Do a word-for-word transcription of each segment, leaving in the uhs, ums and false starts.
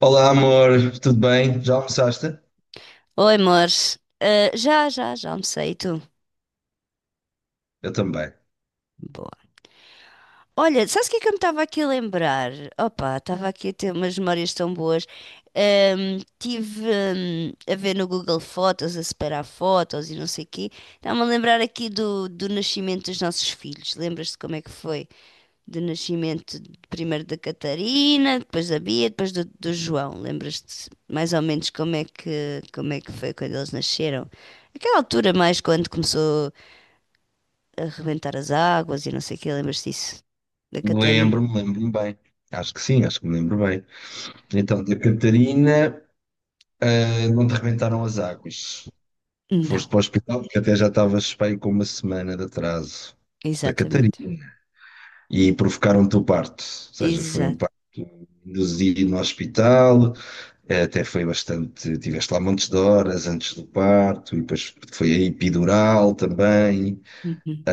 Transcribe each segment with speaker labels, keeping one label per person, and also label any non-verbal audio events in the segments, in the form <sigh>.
Speaker 1: Olá, amor, tudo bem? Já almoçaste?
Speaker 2: Oi, amor. Ah, já, já, já almocei, e tu?
Speaker 1: Eu também.
Speaker 2: Boa. Olha, sabes o que é que eu me estava aqui a lembrar? Opa, estava aqui a ter umas memórias tão boas. Ahm, tive, ahm, a ver no Google Fotos, a separar fotos e não sei o quê. Estava-me a lembrar aqui do, do nascimento dos nossos filhos. Lembras-te como é que foi? Do nascimento primeiro da Catarina, depois da Bia, depois do, do João. Lembras-te mais ou menos como é que, como é que foi quando eles nasceram? Aquela altura mais quando começou a rebentar as águas e não sei o quê, lembras-te disso? Da Catarina?
Speaker 1: Lembro-me, lembro-me bem. Acho que sim, acho que me lembro bem. Então, da Catarina, ah, não te arrebentaram as águas. Foste
Speaker 2: Não,
Speaker 1: para o hospital porque até já estavas bem com uma semana de atraso da Catarina
Speaker 2: exatamente.
Speaker 1: e provocaram-te o parto. Ou seja, foi um
Speaker 2: Exato.
Speaker 1: parto induzido no hospital, eh, até foi bastante. Tiveste lá montes de horas antes do parto e depois foi a epidural também.
Speaker 2: Uhum.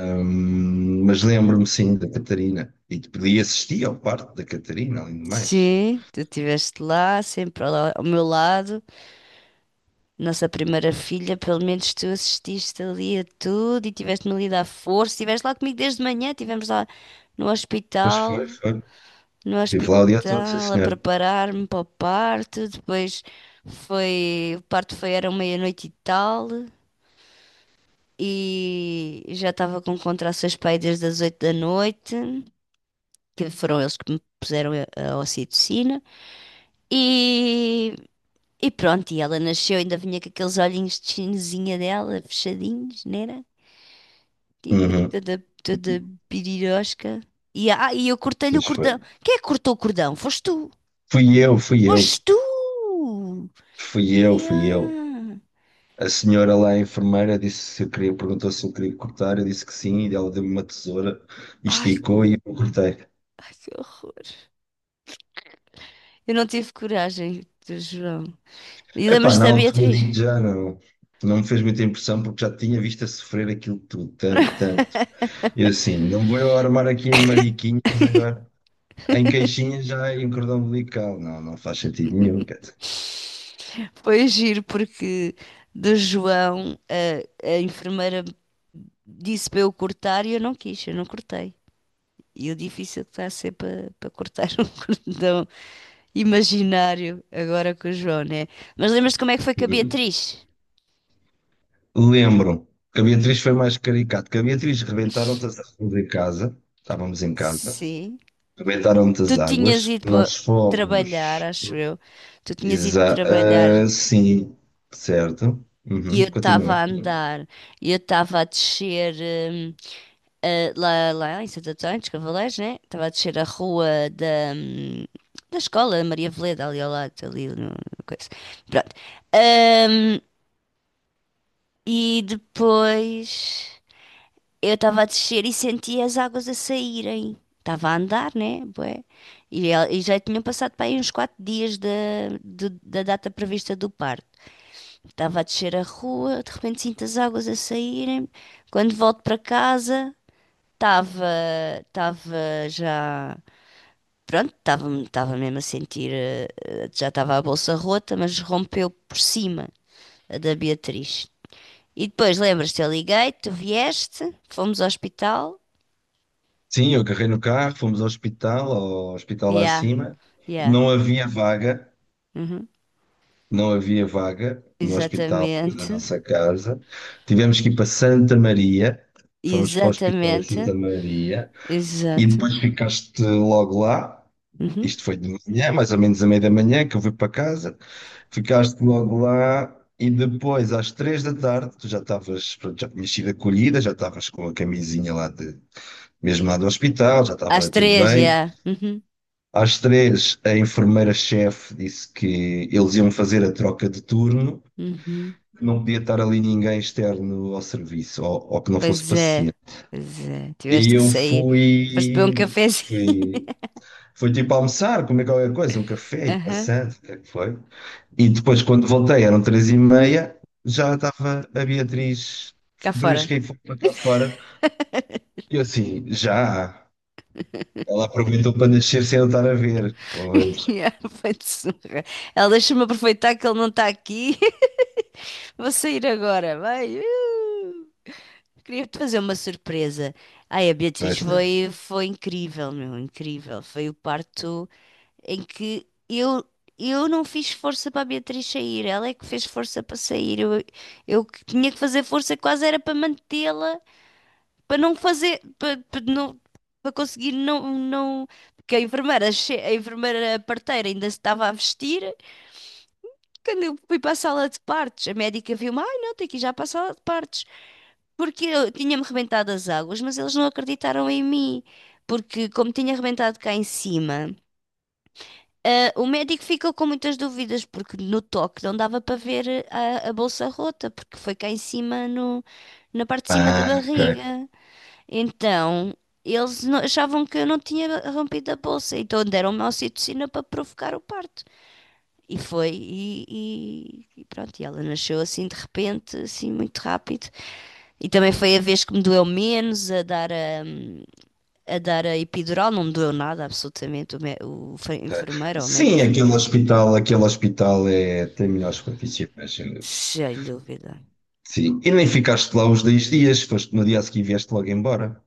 Speaker 1: Hum, mas lembro-me sim da Catarina. E podia assistir ao parto da Catarina, além de mais.
Speaker 2: Sim, tu estiveste lá, sempre lá ao meu lado. Nossa primeira filha, pelo menos tu assististe ali a tudo e tiveste-me ali a dar força. Estiveste lá comigo desde manhã, estivemos lá no
Speaker 1: Pois
Speaker 2: hospital,
Speaker 1: foi, foi.
Speaker 2: no
Speaker 1: Estive lá o dia todo, sim
Speaker 2: hospital a
Speaker 1: senhor.
Speaker 2: preparar-me para o parto. Depois foi, o parto foi, era meia-noite e tal. E já estava com contrações para aí desde as oito da noite, que foram eles que me puseram a a ocitocina. E, e pronto, e ela nasceu, ainda vinha com aqueles olhinhos de chinesinha dela, fechadinhos, não era? Toda,
Speaker 1: Uhum.
Speaker 2: toda toda pirirosca. E, ah, e eu cortei-lhe o
Speaker 1: Pois foi.
Speaker 2: cordão. Quem é que cortou o cordão? Foste tu!
Speaker 1: Fui eu, fui eu.
Speaker 2: Foste tu!
Speaker 1: Fui eu, fui eu.
Speaker 2: Yeah.
Speaker 1: A senhora lá, a enfermeira, disse se eu queria, perguntou se eu queria cortar, eu disse que sim, e ela deu-me uma tesoura, e
Speaker 2: Ai,
Speaker 1: esticou e eu cortei.
Speaker 2: ai, que horror. Eu não tive coragem, João. E
Speaker 1: Epá,
Speaker 2: lembras-te
Speaker 1: na
Speaker 2: da
Speaker 1: altura
Speaker 2: Beatriz?
Speaker 1: digo já não. Não me fez muita impressão porque já tinha visto a sofrer aquilo tudo, tanto, tanto. E eu assim, não vou eu armar aqui em mariquinhas agora. Em caixinha já em cordão umbilical. Não, não faz sentido nenhum. Quer dizer.
Speaker 2: Foi giro porque do João a, a enfermeira disse para eu cortar e eu não quis, eu não cortei. E o difícil que está a ser para, para cortar <laughs> um cordão imaginário agora com o João, né? Mas lembras-te como é que foi com a Beatriz?
Speaker 1: Lembro que a Beatriz foi mais caricato. Que a Beatriz rebentaram-te as águas em casa. Estávamos em casa.
Speaker 2: Sim.
Speaker 1: Rebentaram-te
Speaker 2: Tu
Speaker 1: as
Speaker 2: tinhas
Speaker 1: águas.
Speaker 2: ido para
Speaker 1: Nós
Speaker 2: trabalhar,
Speaker 1: fomos.
Speaker 2: acho eu. Tu tinhas ido
Speaker 1: Exa
Speaker 2: trabalhar
Speaker 1: ah, sim, certo.
Speaker 2: e eu
Speaker 1: Uhum,
Speaker 2: estava
Speaker 1: continua.
Speaker 2: a andar e eu estava a descer. hum, eh, lá, lá em Santo Antônio dos Cavaleiros, né? Estava a descer a rua da, hum, da escola Maria Veleda, ali ao lado, ali no, no coisa. Pronto. Ahm, e depois eu estava a descer e senti as águas a saírem. Estava a andar, né? Bué. E, el- e já tinham passado para aí uns quatro dias da, do- da data prevista do parto. Estava a descer a rua, de repente sinto as águas a saírem. Quando volto para casa. Estava, estava já, pronto, estava, estava mesmo a sentir, eh, eh, já estava a bolsa rota, mas rompeu por cima a da Beatriz. E depois, lembras-te, eu liguei, tu vieste, fomos ao hospital.
Speaker 1: Sim, eu carrei no carro, fomos ao hospital, ao hospital lá
Speaker 2: Yeah,
Speaker 1: acima.
Speaker 2: yeah,
Speaker 1: Não havia vaga.
Speaker 2: uhum.
Speaker 1: Não havia vaga no hospital da
Speaker 2: Exatamente,
Speaker 1: nossa casa. Tivemos que ir para Santa Maria, fomos para o hospital de
Speaker 2: exatamente,
Speaker 1: Santa Maria e
Speaker 2: exato.
Speaker 1: depois ficaste logo lá.
Speaker 2: Uhum.
Speaker 1: Isto foi de manhã, mais ou menos a meia da manhã, que eu fui para casa. Ficaste logo lá e depois, às três da tarde, tu já estavas, pronto, já tinhas sido acolhida, já estavas com a camisinha lá de, mesmo lá do hospital, já
Speaker 2: Às
Speaker 1: estava tudo
Speaker 2: três,
Speaker 1: bem.
Speaker 2: yeah. Uhum.
Speaker 1: Às três, a enfermeira-chefe disse que eles iam fazer a troca de turno,
Speaker 2: Uhum.
Speaker 1: não podia estar ali ninguém externo ao serviço, ou, ou que não fosse
Speaker 2: Pois é,
Speaker 1: paciente.
Speaker 2: pois é,
Speaker 1: E
Speaker 2: tiveste que
Speaker 1: eu
Speaker 2: sair, foste beber um
Speaker 1: fui,
Speaker 2: cafezinho.
Speaker 1: fui, fui, tipo almoçar, comer qualquer coisa, um
Speaker 2: <laughs>
Speaker 1: café, e
Speaker 2: Aham,
Speaker 1: passando, o que é que foi? E depois, quando voltei, eram três e meia, já estava a Beatriz
Speaker 2: cá fora.
Speaker 1: fresca e foi para cá fora.
Speaker 2: <laughs>
Speaker 1: E eu assim, já. Ela aproveitou para nascer sem eu estar a ver.
Speaker 2: <laughs>
Speaker 1: Pois,
Speaker 2: Yeah, vai de surra. Ela deixa-me aproveitar que ele não está aqui. <laughs> Vou sair agora. Vai. Uh! Queria-te fazer uma surpresa. Ai, a Beatriz
Speaker 1: pois, né?
Speaker 2: foi, foi incrível, meu, incrível. Foi o parto em que eu, eu não fiz força para a Beatriz sair. Ela é que fez força para sair. Eu, eu que tinha que fazer força quase era para mantê-la, para não fazer, para, para não, para conseguir não, não, porque a enfermeira, che- a enfermeira parteira ainda se estava a vestir. Quando eu fui para a sala de partos, a médica viu-me, ai não, tenho que ir já para a sala de partos, porque eu tinha-me rebentado as águas, mas eles não acreditaram em mim, porque como tinha rebentado cá em cima, ah, o médico ficou com muitas dúvidas, porque no toque não dava para ver a, a bolsa rota, porque foi cá em cima, no, na parte de cima da
Speaker 1: Ah, ok.
Speaker 2: barriga. Então, eles não- achavam que eu não tinha rompido a bolsa, então deram-me a ocitocina para provocar o parto. E foi, e, e- e pronto, e ela nasceu assim de repente, assim muito rápido. E também foi a vez que me doeu menos a dar a, a dar a epidural, não me doeu nada, absolutamente. O, mé- o fe-
Speaker 1: Ok.
Speaker 2: enfermeiro ou o
Speaker 1: Sim,
Speaker 2: médico, sei lá.
Speaker 1: aquele hospital, aquele hospital é, tem melhores profissionais, sem dúvida.
Speaker 2: Sem dúvida.
Speaker 1: Sim, e nem ficaste lá os dez dias, foste no dia a seguir e vieste logo embora.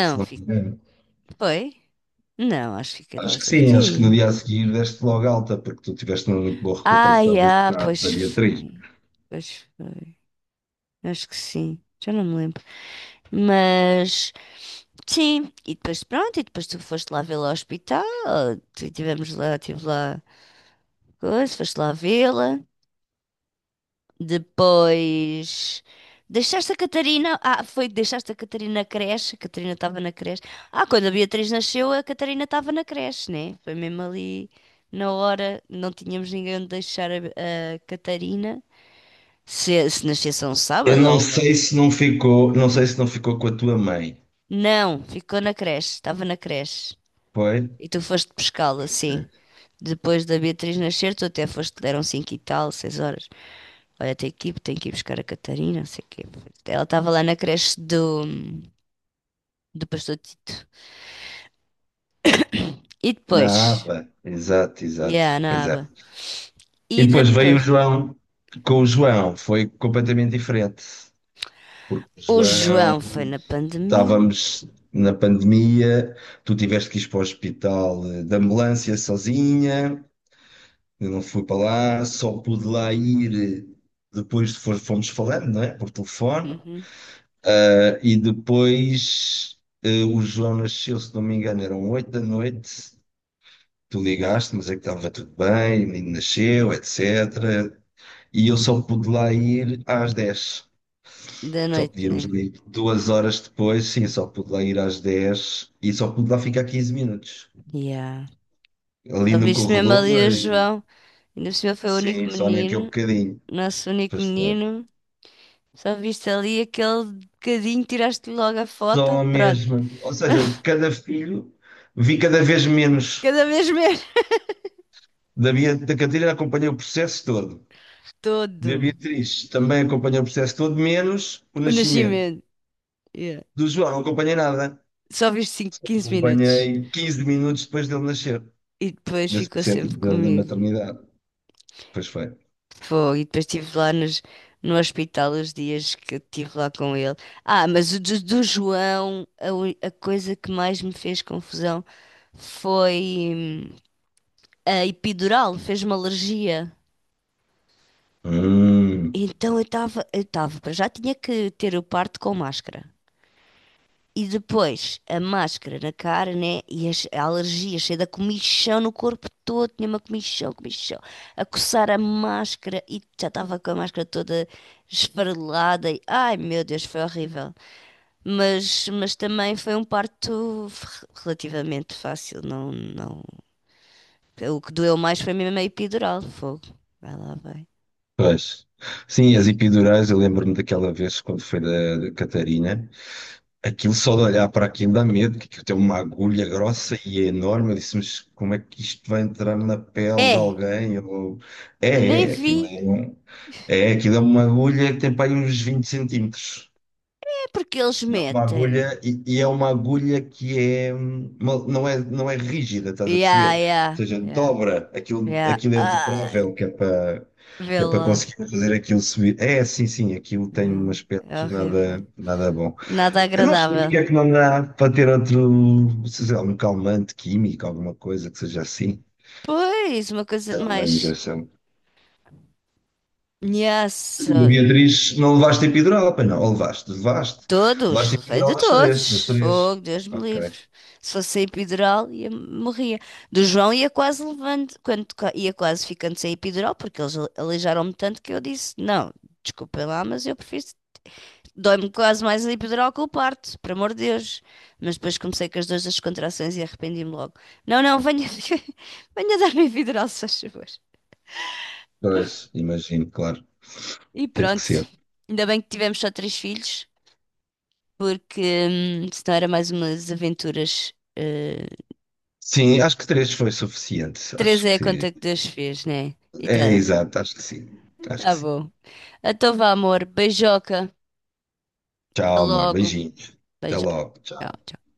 Speaker 1: Se não
Speaker 2: fi-
Speaker 1: me engano.
Speaker 2: foi? Não, acho que fiquei lá
Speaker 1: Acho
Speaker 2: os
Speaker 1: que
Speaker 2: dois
Speaker 1: sim, acho que no
Speaker 2: dias.
Speaker 1: dia a seguir deste logo alta, porque tu tiveste uma muito boa
Speaker 2: Ai,
Speaker 1: recuperação desse
Speaker 2: ah,
Speaker 1: trabalho para a
Speaker 2: pois
Speaker 1: Beatriz.
Speaker 2: foi. Pois foi. Acho que sim, já não me lembro. Mas. Sim, e depois pronto, e depois tu foste lá vê-la ao hospital, tu- tivemos lá, tive lá coisa, foste lá vê-la, depois deixaste a Catarina, ah, foi que deixaste a Catarina na creche, a Catarina estava na creche, ah, quando a Beatriz nasceu a Catarina estava na creche, né? Foi mesmo ali na hora, não tínhamos ninguém onde deixar a, a Catarina, se, se nascesse um
Speaker 1: Eu
Speaker 2: sábado ou
Speaker 1: não
Speaker 2: uma...
Speaker 1: sei se não ficou, não sei se não ficou com a tua mãe,
Speaker 2: Não, ficou na creche, estava na creche,
Speaker 1: foi?
Speaker 2: e tu foste pescá-la, sim.
Speaker 1: Ok.
Speaker 2: Depois da Beatriz nascer, tu até foste, deram cinco e tal, seis horas. Olha, tem que ir, tem que ir buscar a Catarina, não sei o quê. Ela estava lá na creche do, do Pastor Tito. E depois,
Speaker 1: Na APA, exato, exato,
Speaker 2: yeah, na
Speaker 1: pois é.
Speaker 2: aba.
Speaker 1: E
Speaker 2: E
Speaker 1: depois veio o
Speaker 2: depois,
Speaker 1: João, com o João foi completamente diferente, porque o
Speaker 2: o
Speaker 1: João,
Speaker 2: João foi na pandemia.
Speaker 1: estávamos na pandemia, tu tiveste que ir para o hospital, eh, de ambulância sozinha, eu não fui para lá, só pude lá ir, eh, depois de fo- fomos falando, não é? Por telefone.
Speaker 2: Uhum.
Speaker 1: Eh, E depois, eh, o João nasceu, se não me engano, eram oito da noite, tu ligaste, mas é que estava tudo bem, o menino nasceu, etecétera. E eu só pude lá ir às dez.
Speaker 2: Da
Speaker 1: Só
Speaker 2: noite,
Speaker 1: podíamos
Speaker 2: né?
Speaker 1: ir duas horas depois, sim, só pude lá ir às dez e só pude lá ficar quinze minutos.
Speaker 2: Yeah.
Speaker 1: Ali
Speaker 2: Só
Speaker 1: no
Speaker 2: viste mesmo
Speaker 1: corredor
Speaker 2: ali o
Speaker 1: e
Speaker 2: João. Ainda por cima foi o único
Speaker 1: sim, só naquele
Speaker 2: menino,
Speaker 1: bocadinho.
Speaker 2: nosso único
Speaker 1: Pois não é.
Speaker 2: menino. Só viste ali aquele bocadinho, tiraste logo a foto,
Speaker 1: Só
Speaker 2: pronto.
Speaker 1: mesmo. Ou seja, de
Speaker 2: <laughs>
Speaker 1: cada filho vi cada vez menos.
Speaker 2: Cada vez menos.
Speaker 1: Da, Bia- da Catarina acompanhei o processo todo. Da
Speaker 2: Todo.
Speaker 1: Beatriz também acompanhei o processo todo, menos o
Speaker 2: O
Speaker 1: nascimento.
Speaker 2: nascimento. Yeah.
Speaker 1: Do João não acompanhei nada.
Speaker 2: Só vi cinco
Speaker 1: Só
Speaker 2: quinze minutos.
Speaker 1: acompanhei quinze minutos depois dele nascer,
Speaker 2: E depois
Speaker 1: desse
Speaker 2: ficou
Speaker 1: processo
Speaker 2: sempre
Speaker 1: da, da
Speaker 2: comigo.
Speaker 1: maternidade. Pois foi.
Speaker 2: Foi. E depois estive lá nos, no hospital os dias que eu estive lá com ele. Ah, mas o do, do João, a, ui- a coisa que mais me fez confusão foi hum, a epidural, fez-me alergia.
Speaker 1: Hum,
Speaker 2: Então eu estava, eu estava, para já tinha que ter o parto com máscara. E depois a máscara na cara, né? E as, a alergia, cheia da comichão no corpo todo, tinha uma comichão, comichão, a coçar a máscara e já estava com a máscara toda esfarelada. E, ai meu Deus, foi horrível. Mas, mas também foi um parto f- relativamente fácil, não, não. O que doeu mais foi mesmo a epidural, fogo. Vai lá, vai.
Speaker 1: pois. Sim, as epidurais, eu lembro-me daquela vez quando foi da, da Catarina. Aquilo só de olhar para aquilo dá medo, que aquilo tem uma agulha grossa e é enorme. Eu disse, mas como é que isto vai entrar na pele de
Speaker 2: É,
Speaker 1: alguém? Ou...
Speaker 2: eu nem
Speaker 1: É, é, aquilo
Speaker 2: vi.
Speaker 1: é, um- é, aquilo é uma agulha que tem para aí uns vinte centímetros.
Speaker 2: É porque eles
Speaker 1: E é uma
Speaker 2: metem.
Speaker 1: agulha, e, e é uma agulha que é, hum, mal- não é, não é rígida, estás a
Speaker 2: Ya,
Speaker 1: perceber? Ou
Speaker 2: ya,
Speaker 1: seja,
Speaker 2: ya,
Speaker 1: dobra, aquilo,
Speaker 2: ya.
Speaker 1: aquilo é
Speaker 2: Ah.
Speaker 1: dobrável, que é para,
Speaker 2: Vê
Speaker 1: que é para
Speaker 2: lá.
Speaker 1: conseguir fazer aquilo subir. É, sim, sim, aquilo
Speaker 2: Vê
Speaker 1: tem
Speaker 2: lá.
Speaker 1: um
Speaker 2: É
Speaker 1: aspecto
Speaker 2: horrível.
Speaker 1: nada, nada bom.
Speaker 2: Nada
Speaker 1: Eu não sei
Speaker 2: agradável.
Speaker 1: porque é que não dá para ter outro, sei lá, um calmante químico, alguma coisa que seja assim.
Speaker 2: Pois, uma coisa
Speaker 1: Era uma
Speaker 2: mais.
Speaker 1: injeção. Tu,
Speaker 2: Nhassa.
Speaker 1: da Beatriz, não levaste epidural, pois não? Ou levaste? Levaste?
Speaker 2: Todos,
Speaker 1: Levaste
Speaker 2: levei de
Speaker 1: epidural das três, das
Speaker 2: todos.
Speaker 1: três.
Speaker 2: Fogo, Deus me
Speaker 1: Ok.
Speaker 2: livre. Se fosse epidural, ia, morria. Do João ia quase levando, quando ca- ia quase ficando sem epidural, porque eles alijaram-me tanto que eu disse: Não, desculpem lá, mas eu prefiro dói-me quase mais a epidural que o parto, por amor de Deus. Mas depois comecei com as duas das contrações e arrependi-me logo. Não, não, venha, <laughs> venha dar-me a epidural, se faz favor.
Speaker 1: Dois, imagino, claro.
Speaker 2: E
Speaker 1: Teve que
Speaker 2: pronto.
Speaker 1: ser.
Speaker 2: Ainda bem que tivemos só três filhos, porque hum, senão era mais umas aventuras. Eh,
Speaker 1: Sim, acho que três foi suficiente.
Speaker 2: três
Speaker 1: Acho
Speaker 2: é a
Speaker 1: que.
Speaker 2: conta que Deus fez, né? E
Speaker 1: É,
Speaker 2: tá,
Speaker 1: exato, acho que sim. Acho que
Speaker 2: tá
Speaker 1: sim.
Speaker 2: bom. Então vá, amor. Beijoca. Até
Speaker 1: Tchau, amor.
Speaker 2: logo.
Speaker 1: Beijinhos. Até
Speaker 2: Beijo.
Speaker 1: logo.
Speaker 2: Tchau,
Speaker 1: Tchau.
Speaker 2: tchau.